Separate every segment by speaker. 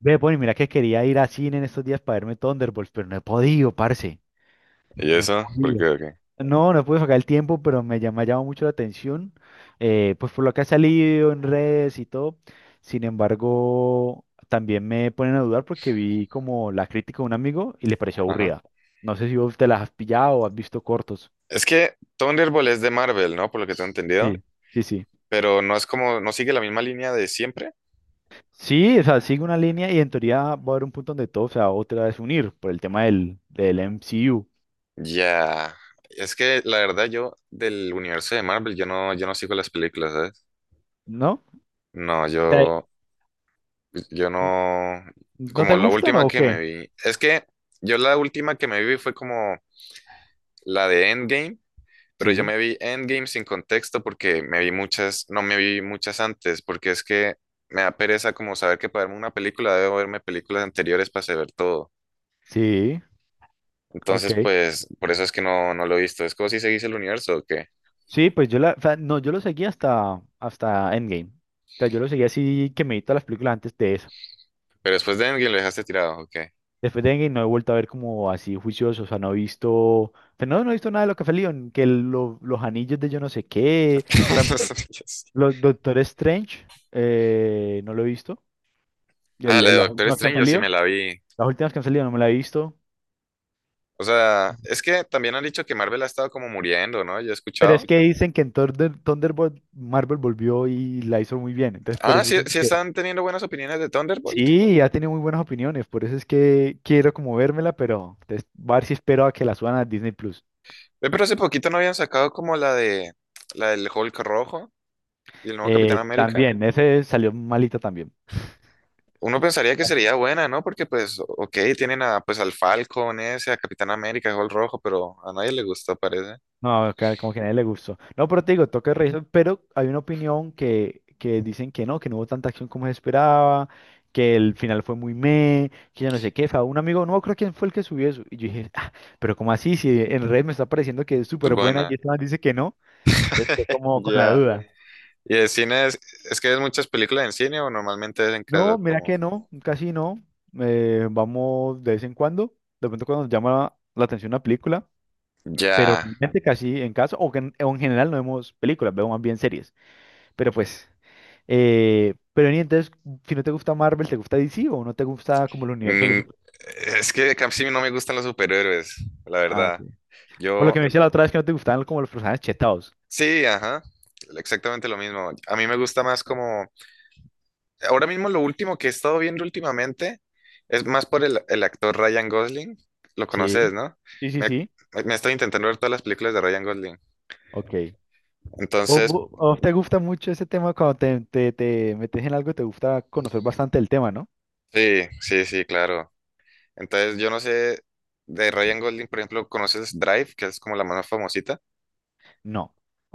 Speaker 1: Ve, Bonnie, mira que quería ir a cine en estos días para verme Thunderbolts, pero no he podido, parce.
Speaker 2: ¿Y
Speaker 1: No he
Speaker 2: eso? ¿Por qué?
Speaker 1: podido.
Speaker 2: ¿O qué?
Speaker 1: No, no pude sacar el tiempo, pero me ha llamado mucho la atención. Pues por lo que ha salido en redes y todo. Sin embargo, también me ponen a dudar porque vi como la crítica de un amigo y le pareció
Speaker 2: Ajá.
Speaker 1: aburrida. No sé si vos te las has pillado o has visto cortos.
Speaker 2: Es que Thunderbolt es de Marvel, ¿no? Por lo que tengo
Speaker 1: Sí,
Speaker 2: entendido.
Speaker 1: sí, sí.
Speaker 2: Pero no es como, no sigue la misma línea de siempre.
Speaker 1: Sí, o sea, sigue una línea y en teoría va a haber un punto donde todo se va otra vez a unir por el tema del MCU,
Speaker 2: Ya. Es que la verdad yo del universo de Marvel, yo no sigo las películas, ¿sabes?
Speaker 1: ¿no?
Speaker 2: No,
Speaker 1: Sí.
Speaker 2: yo, yo no.
Speaker 1: ¿No
Speaker 2: Como
Speaker 1: te
Speaker 2: la
Speaker 1: gustan
Speaker 2: última
Speaker 1: o
Speaker 2: que
Speaker 1: qué?
Speaker 2: me vi. Es que yo la última que me vi fue como la de Endgame. Pero yo
Speaker 1: Sí,
Speaker 2: me vi Endgame sin contexto porque me vi muchas, no me vi muchas antes, porque es que me da pereza como saber que para verme una película debo verme películas anteriores para saber todo.
Speaker 1: sí, ok.
Speaker 2: Entonces, pues, por eso es que no lo he visto. Es como si seguís el universo o qué.
Speaker 1: Sí, pues o sea, no, yo lo seguí hasta Endgame. O sea, yo lo seguí así que me vi todas las películas antes de eso.
Speaker 2: Pero después de Endgame lo dejaste tirado, ¿o qué?
Speaker 1: Después de Endgame no he vuelto a ver como así juicioso, o sea, no he visto, o sea, no, no he visto nada de lo que fue Leon, los anillos de yo no sé qué, por
Speaker 2: No
Speaker 1: ejemplo,
Speaker 2: sabía eso.
Speaker 1: los Doctor Strange, no lo he visto.
Speaker 2: Ah, la de
Speaker 1: Las
Speaker 2: Doctor
Speaker 1: últimas que han
Speaker 2: Strange yo sí
Speaker 1: salido,
Speaker 2: me la vi.
Speaker 1: las últimas que han salido no me la he visto,
Speaker 2: O sea, es que también han dicho que Marvel ha estado como muriendo, ¿no? Yo he
Speaker 1: pero es
Speaker 2: escuchado.
Speaker 1: que dicen que en Thunderbolt Marvel volvió y la hizo muy bien, entonces por
Speaker 2: Ah,
Speaker 1: eso
Speaker 2: sí,
Speaker 1: como
Speaker 2: sí
Speaker 1: que
Speaker 2: están teniendo buenas opiniones de Thunderbolt.
Speaker 1: sí, ha tenido muy buenas opiniones. Por eso es que quiero como vérmela, pero entonces voy a ver si espero a que la suban a Disney Plus.
Speaker 2: Ve, pero hace poquito no habían sacado como la del Hulk rojo y el nuevo Capitán América.
Speaker 1: También, ese salió malita también.
Speaker 2: Uno pensaría que sería buena, ¿no? Porque pues, ok, tienen a, pues al Falcon ese, a Capitán América, Hulk Rojo, pero a nadie le gustó, parece.
Speaker 1: No, como que a nadie le gustó. No, pero te digo, toca revisar, pero hay una opinión que dicen que no hubo tanta acción como se esperaba, que el final fue muy meh, que yo no sé qué. Fue un amigo, no creo quién fue el que subió eso. Y yo dije, ah, ¿pero cómo así? Si en redes me está pareciendo que es
Speaker 2: Es
Speaker 1: súper buena
Speaker 2: buena.
Speaker 1: y esta man dice que no, entonces estoy como con la
Speaker 2: Ya.
Speaker 1: duda.
Speaker 2: ¿Y el cine es que ves muchas películas en cine o normalmente es en casa?
Speaker 1: No, mira
Speaker 2: Como,
Speaker 1: que no, casi no. Vamos de vez en cuando, de pronto cuando nos llama la atención una película, pero
Speaker 2: ya.
Speaker 1: realmente casi en casa, o en general no vemos películas, vemos más bien series. Pero pues, pero ni entonces, si no te gusta Marvel, ¿te gusta DC o no te gusta como el universo de los
Speaker 2: Ni- es que casi no me gustan los superhéroes, la
Speaker 1: Ah, ok.
Speaker 2: verdad.
Speaker 1: Por lo
Speaker 2: Yo,
Speaker 1: que me decía la otra vez que no te gustaban como los personajes chetados.
Speaker 2: sí, ajá, exactamente lo mismo. A mí me gusta más como ahora mismo lo último que he estado viendo últimamente es más por el actor Ryan Gosling. Lo conoces,
Speaker 1: Sí,
Speaker 2: ¿no?
Speaker 1: sí, sí,
Speaker 2: Me,
Speaker 1: sí.
Speaker 2: me estoy intentando ver todas las películas de Ryan Gosling.
Speaker 1: Ok. ¿O,
Speaker 2: Entonces,
Speaker 1: vo- o te gusta mucho ese tema cuando te metes en algo, te gusta conocer bastante el tema, ¿no?
Speaker 2: sí, sí, sí, claro. Entonces, yo no sé, de Ryan Gosling, por ejemplo, ¿conoces Drive, que es como la más famosita?
Speaker 1: No.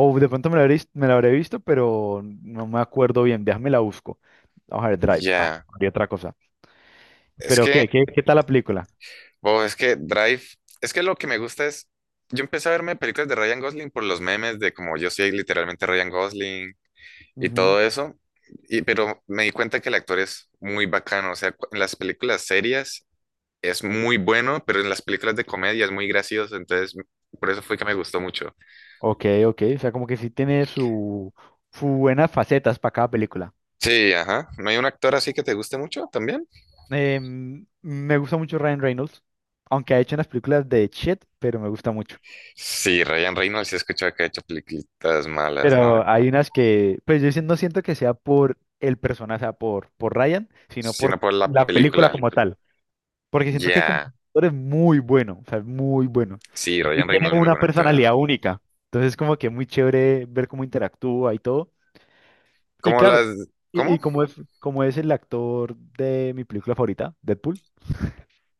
Speaker 1: O de pronto me la habré visto, pero no me acuerdo bien. Déjame la busco. Vamos a ver, Drive. Ay,
Speaker 2: Ya.
Speaker 1: había otra cosa.
Speaker 2: Es
Speaker 1: Pero, ¿qué?
Speaker 2: que,
Speaker 1: ¿Qué tal la película?
Speaker 2: wow, es que Drive, es que lo que me gusta es, yo empecé a verme películas de Ryan Gosling por los memes de como yo soy literalmente Ryan Gosling y
Speaker 1: Ujú.
Speaker 2: todo eso. Y, pero me di cuenta que el actor es muy bacano, o sea, en las películas serias es muy bueno, pero en las películas de comedia es muy gracioso, entonces por eso fue que me gustó mucho.
Speaker 1: Ok, ok. O sea, como que sí tiene su buenas facetas para cada película.
Speaker 2: Sí, ajá. ¿No hay un actor así que te guste mucho también?
Speaker 1: Me gusta mucho Ryan Reynolds, aunque ha hecho unas películas de shit, pero me gusta mucho.
Speaker 2: Sí, Ryan Reynolds, sí he escuchado que ha hecho películas malas,
Speaker 1: Pero
Speaker 2: ¿no?
Speaker 1: hay unas que, pues yo sí no siento que sea por el personaje, o sea, por Ryan, sino
Speaker 2: Sino
Speaker 1: por
Speaker 2: por la
Speaker 1: la película
Speaker 2: película.
Speaker 1: como tal. Porque siento que como
Speaker 2: Ya.
Speaker 1: actor es muy bueno, o sea, es muy bueno.
Speaker 2: Sí,
Speaker 1: Y
Speaker 2: Ryan Reynolds es
Speaker 1: tiene
Speaker 2: muy
Speaker 1: una
Speaker 2: buen actor.
Speaker 1: personalidad única. Entonces, como que es muy chévere ver cómo interactúa y todo. Y
Speaker 2: ¿Cómo
Speaker 1: claro,
Speaker 2: las...
Speaker 1: y
Speaker 2: ¿Cómo?
Speaker 1: como es el actor de mi película favorita, Deadpool.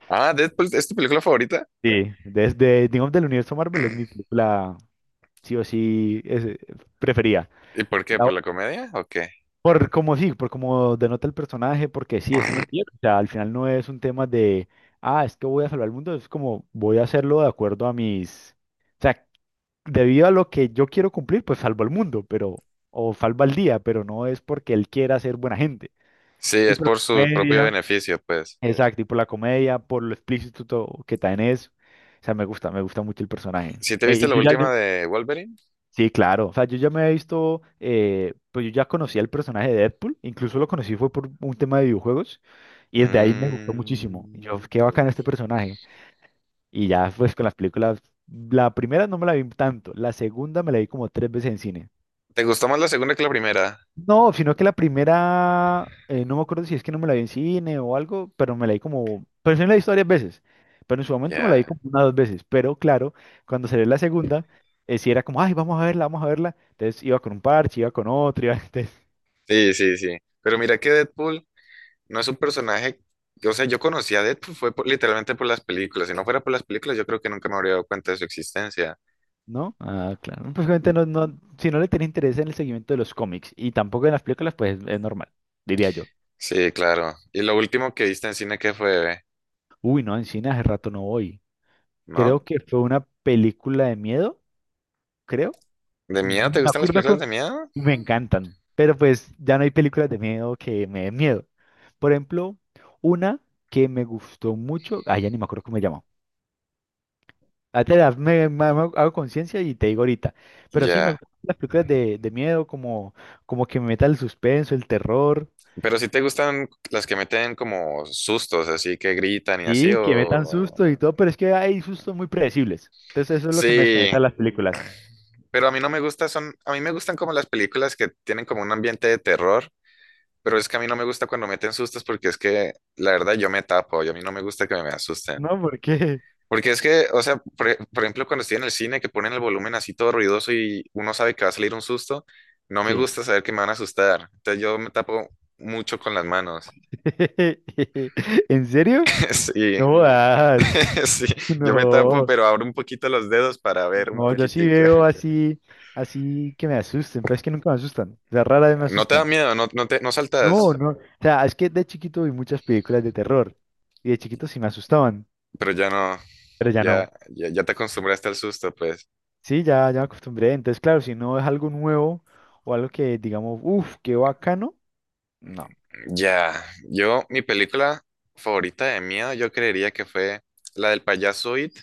Speaker 2: Ah, Deadpool, ¿es tu película favorita?
Speaker 1: Sí, desde, digamos, del universo Marvel es mi película, sí o sí, es, preferida.
Speaker 2: ¿Y por qué?
Speaker 1: La-
Speaker 2: ¿Por
Speaker 1: o-
Speaker 2: la comedia o qué?
Speaker 1: por como sí, por como denota el personaje, porque sí, es un antihéroe. O sea, al final no es un tema de, ah, es que voy a salvar el mundo, es como voy a hacerlo de acuerdo a mis... O sea, debido a lo que yo quiero cumplir, pues salvo al mundo, pero, o salvo al día, pero no es porque él quiera ser buena gente.
Speaker 2: Sí,
Speaker 1: Y
Speaker 2: es
Speaker 1: por la
Speaker 2: por su propio
Speaker 1: comedia,
Speaker 2: beneficio, pues.
Speaker 1: exacto, y por la comedia, por lo explícito que también es, o sea, me gusta mucho el personaje.
Speaker 2: ¿Si te viste
Speaker 1: Y
Speaker 2: la
Speaker 1: yo ya,
Speaker 2: última de Wolverine?
Speaker 1: sí, claro, o sea, yo ya me he visto, pues yo ya conocía el personaje de Deadpool, incluso lo conocí fue por un tema de videojuegos, y desde ahí me gustó muchísimo. Y yo,
Speaker 2: Mm.
Speaker 1: qué bacán este personaje. Y ya, pues con las películas, la primera no me la vi tanto, la segunda me la vi como tres veces en cine.
Speaker 2: ¿Te gustó más la segunda que la primera?
Speaker 1: No, sino que la primera, no me acuerdo si es que no me la vi en cine o algo, pero me la vi como, pero sí me la he visto varias veces, pero en su momento me la vi
Speaker 2: Ya.
Speaker 1: como una o dos veces, pero claro, cuando se ve la segunda, sí era como, ay, vamos a verla, entonces iba con un parche, iba con otro, iba, entonces,
Speaker 2: Sí, sí, sí. Pero mira que Deadpool no es un personaje. O sea, yo conocí a Deadpool fue por- literalmente por las películas. Si no fuera por las películas, yo creo que nunca me habría dado cuenta de su existencia.
Speaker 1: ¿no? Ah, claro. Pues obviamente no, no, si no le tenés interés en el seguimiento de los cómics y tampoco en las películas, pues es normal, diría yo.
Speaker 2: Sí, claro. ¿Y lo último que viste en cine qué fue?
Speaker 1: Uy, no, en cine hace rato no voy.
Speaker 2: ¿No?
Speaker 1: Creo que fue una película de miedo, creo.
Speaker 2: ¿De miedo? ¿Te
Speaker 1: Me
Speaker 2: gustan las
Speaker 1: acuerdo
Speaker 2: películas
Speaker 1: con...
Speaker 2: de miedo?
Speaker 1: Me encantan, pero pues ya no hay películas de miedo que me den miedo. Por ejemplo, una que me gustó mucho, ah, ya ni me acuerdo cómo se llama. Ahorita me hago conciencia y te digo ahorita. Pero sí, me
Speaker 2: Ya.
Speaker 1: gustan las películas de miedo, como que me metan el suspenso, el terror,
Speaker 2: Pero si te gustan las que meten como sustos, así que gritan y así,
Speaker 1: y que metan
Speaker 2: o,
Speaker 1: susto y todo, pero es que hay sustos muy predecibles. Entonces eso es lo que me desconecta
Speaker 2: sí,
Speaker 1: de las películas.
Speaker 2: pero a mí no me gusta, son, a mí me gustan como las películas que tienen como un ambiente de terror, pero es que a mí no me gusta cuando meten sustos porque es que la verdad yo me tapo y a mí no me gusta que me asusten.
Speaker 1: No, ¿por qué?
Speaker 2: Porque es que, o sea, por, por ejemplo, cuando estoy en el cine que ponen el volumen así todo ruidoso y uno sabe que va a salir un susto, no me
Speaker 1: Sí.
Speaker 2: gusta saber que me van a asustar. Entonces yo me tapo mucho con las manos.
Speaker 1: ¿En serio?
Speaker 2: Sí,
Speaker 1: No jodas.
Speaker 2: sí, yo me tapo,
Speaker 1: No.
Speaker 2: pero abro un poquito los dedos para ver un
Speaker 1: No, yo sí
Speaker 2: poquitico.
Speaker 1: veo así, así que me asusten, pero es que nunca me asustan. O sea, rara vez me
Speaker 2: No te da
Speaker 1: asustan.
Speaker 2: miedo, no
Speaker 1: No,
Speaker 2: saltas,
Speaker 1: no. O sea, es que de chiquito vi muchas películas de terror y de chiquito sí me asustaban,
Speaker 2: pero ya no.
Speaker 1: pero ya no.
Speaker 2: Ya, ya, ya te acostumbraste al susto, pues.
Speaker 1: Sí, ya, ya me acostumbré. Entonces, claro, si no es algo nuevo o algo que digamos, uff, qué bacano, no.
Speaker 2: Ya, yo, mi película favorita de miedo, yo creería que fue la del payaso It,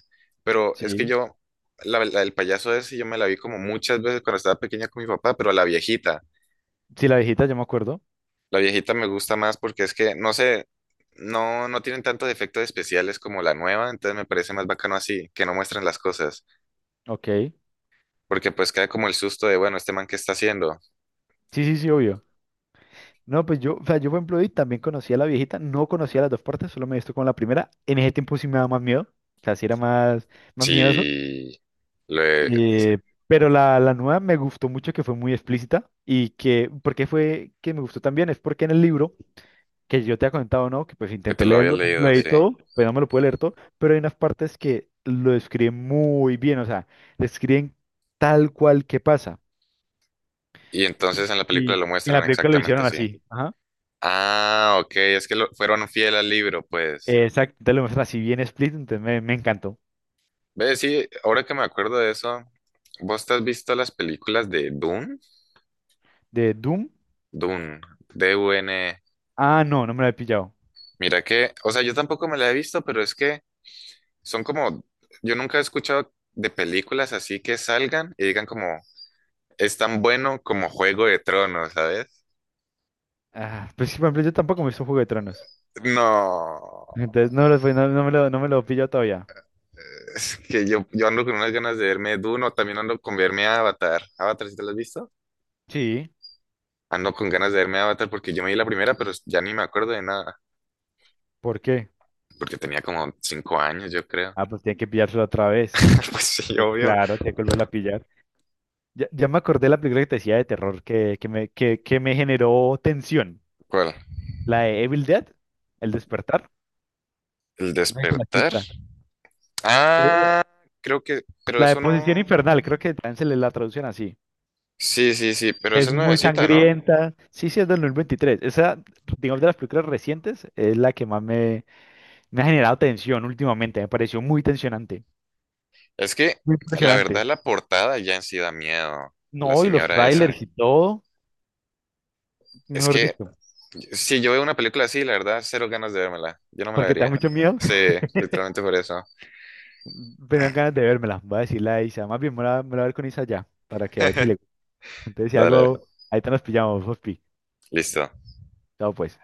Speaker 2: pero es que
Speaker 1: Sí.
Speaker 2: yo, la del payaso ese, yo me la vi como muchas veces cuando estaba pequeña con mi papá, pero
Speaker 1: Sí, la viejita, yo me acuerdo.
Speaker 2: la viejita me gusta más porque es que, no sé, no tienen tantos efectos especiales como la nueva, entonces me parece más bacano así, que no muestran las cosas,
Speaker 1: Ok.
Speaker 2: porque pues queda como el susto de, bueno, este man, ¿qué está haciendo?
Speaker 1: Sí, sí, sí, obvio. No, pues yo, o sea, yo por ejemplo, y también conocía a la viejita, no conocía las dos partes, solo me he visto con la primera. En ese tiempo sí me daba más miedo, o sea, sí era más miedoso.
Speaker 2: Sí, lo he-
Speaker 1: Eh, pero la nueva me gustó mucho que fue muy explícita y que, ¿por qué fue que me gustó también? Es porque en el libro, que yo te he comentado, ¿no? Que pues
Speaker 2: que te
Speaker 1: intenté
Speaker 2: lo había
Speaker 1: leerlo, no me lo
Speaker 2: leído,
Speaker 1: leí
Speaker 2: sí.
Speaker 1: todo, pues no me lo pude leer todo, pero hay unas partes que lo describen muy bien, o sea, describen tal cual que pasa.
Speaker 2: Y
Speaker 1: Y,
Speaker 2: entonces en la
Speaker 1: y-
Speaker 2: película
Speaker 1: y
Speaker 2: lo
Speaker 1: en la
Speaker 2: muestran
Speaker 1: película lo
Speaker 2: exactamente
Speaker 1: hicieron
Speaker 2: así.
Speaker 1: así. Ajá.
Speaker 2: Ah, ok, fueron fiel al libro, pues.
Speaker 1: Exacto, te lo muestran así bien explícito, entonces me encantó.
Speaker 2: Ve, sí, ahora que me acuerdo de eso, ¿vos te has visto las películas de Dune?
Speaker 1: De Doom,
Speaker 2: Dune, DUN.
Speaker 1: ah, no, no me lo he pillado.
Speaker 2: Mira que, o sea, yo tampoco me la he visto, pero es que son como, yo nunca he escuchado de películas así que salgan y digan como, es tan bueno como Juego de Tronos, ¿sabes?
Speaker 1: Ah, pues sí, por ejemplo, yo tampoco me hizo Juego de Tronos.
Speaker 2: No,
Speaker 1: Entonces no, no no me lo he pillado todavía.
Speaker 2: es que yo ando con unas ganas de verme Dune o también ando con verme Avatar. ¿Avatar si te lo has visto?
Speaker 1: Sí,
Speaker 2: Ando con ganas de verme Avatar porque yo me vi la primera, pero ya ni me acuerdo de nada,
Speaker 1: ¿por qué?
Speaker 2: porque tenía como 5 años, yo creo.
Speaker 1: Ah, pues tiene que pillársela otra vez.
Speaker 2: Pues sí, obvio.
Speaker 1: Claro, tiene que volverla a pillar. Ya, ya me acordé de la película que te decía de terror que me generó tensión.
Speaker 2: ¿Cuál?
Speaker 1: La de Evil Dead, El Despertar.
Speaker 2: ¿El
Speaker 1: No sé si te la has
Speaker 2: despertar?
Speaker 1: visto. Eh,
Speaker 2: Ah, creo que, pero
Speaker 1: la de
Speaker 2: eso no.
Speaker 1: Posición Infernal, creo que también se le la traducen así.
Speaker 2: Sí, sí, sí, pero esa
Speaker 1: Es
Speaker 2: es
Speaker 1: muy
Speaker 2: nuevecita, ¿no?
Speaker 1: sangrienta. Sí, sí, es del 2023. Esa, digamos, de las películas recientes, es la que más me ha generado tensión últimamente. Me pareció muy tensionante.
Speaker 2: Es que
Speaker 1: Muy
Speaker 2: la verdad
Speaker 1: impresionante.
Speaker 2: la portada ya en sí da miedo, la
Speaker 1: No, y los
Speaker 2: señora esa.
Speaker 1: trailers y todo,
Speaker 2: Es
Speaker 1: mejor
Speaker 2: que
Speaker 1: dicho.
Speaker 2: si yo veo una película así, la verdad, cero ganas de vérmela. Yo no me la
Speaker 1: Porque te da
Speaker 2: vería.
Speaker 1: mucho miedo.
Speaker 2: Sí, literalmente por eso.
Speaker 1: Me dan ganas de vérmela. Voy a decirle a Isa. Más bien, me la voy a ver con Isa ya, para que a ver si le gusta. Entonces, si
Speaker 2: Dale,
Speaker 1: algo, ahí te nos pillamos, Fospi.
Speaker 2: listo.
Speaker 1: Chao, pues.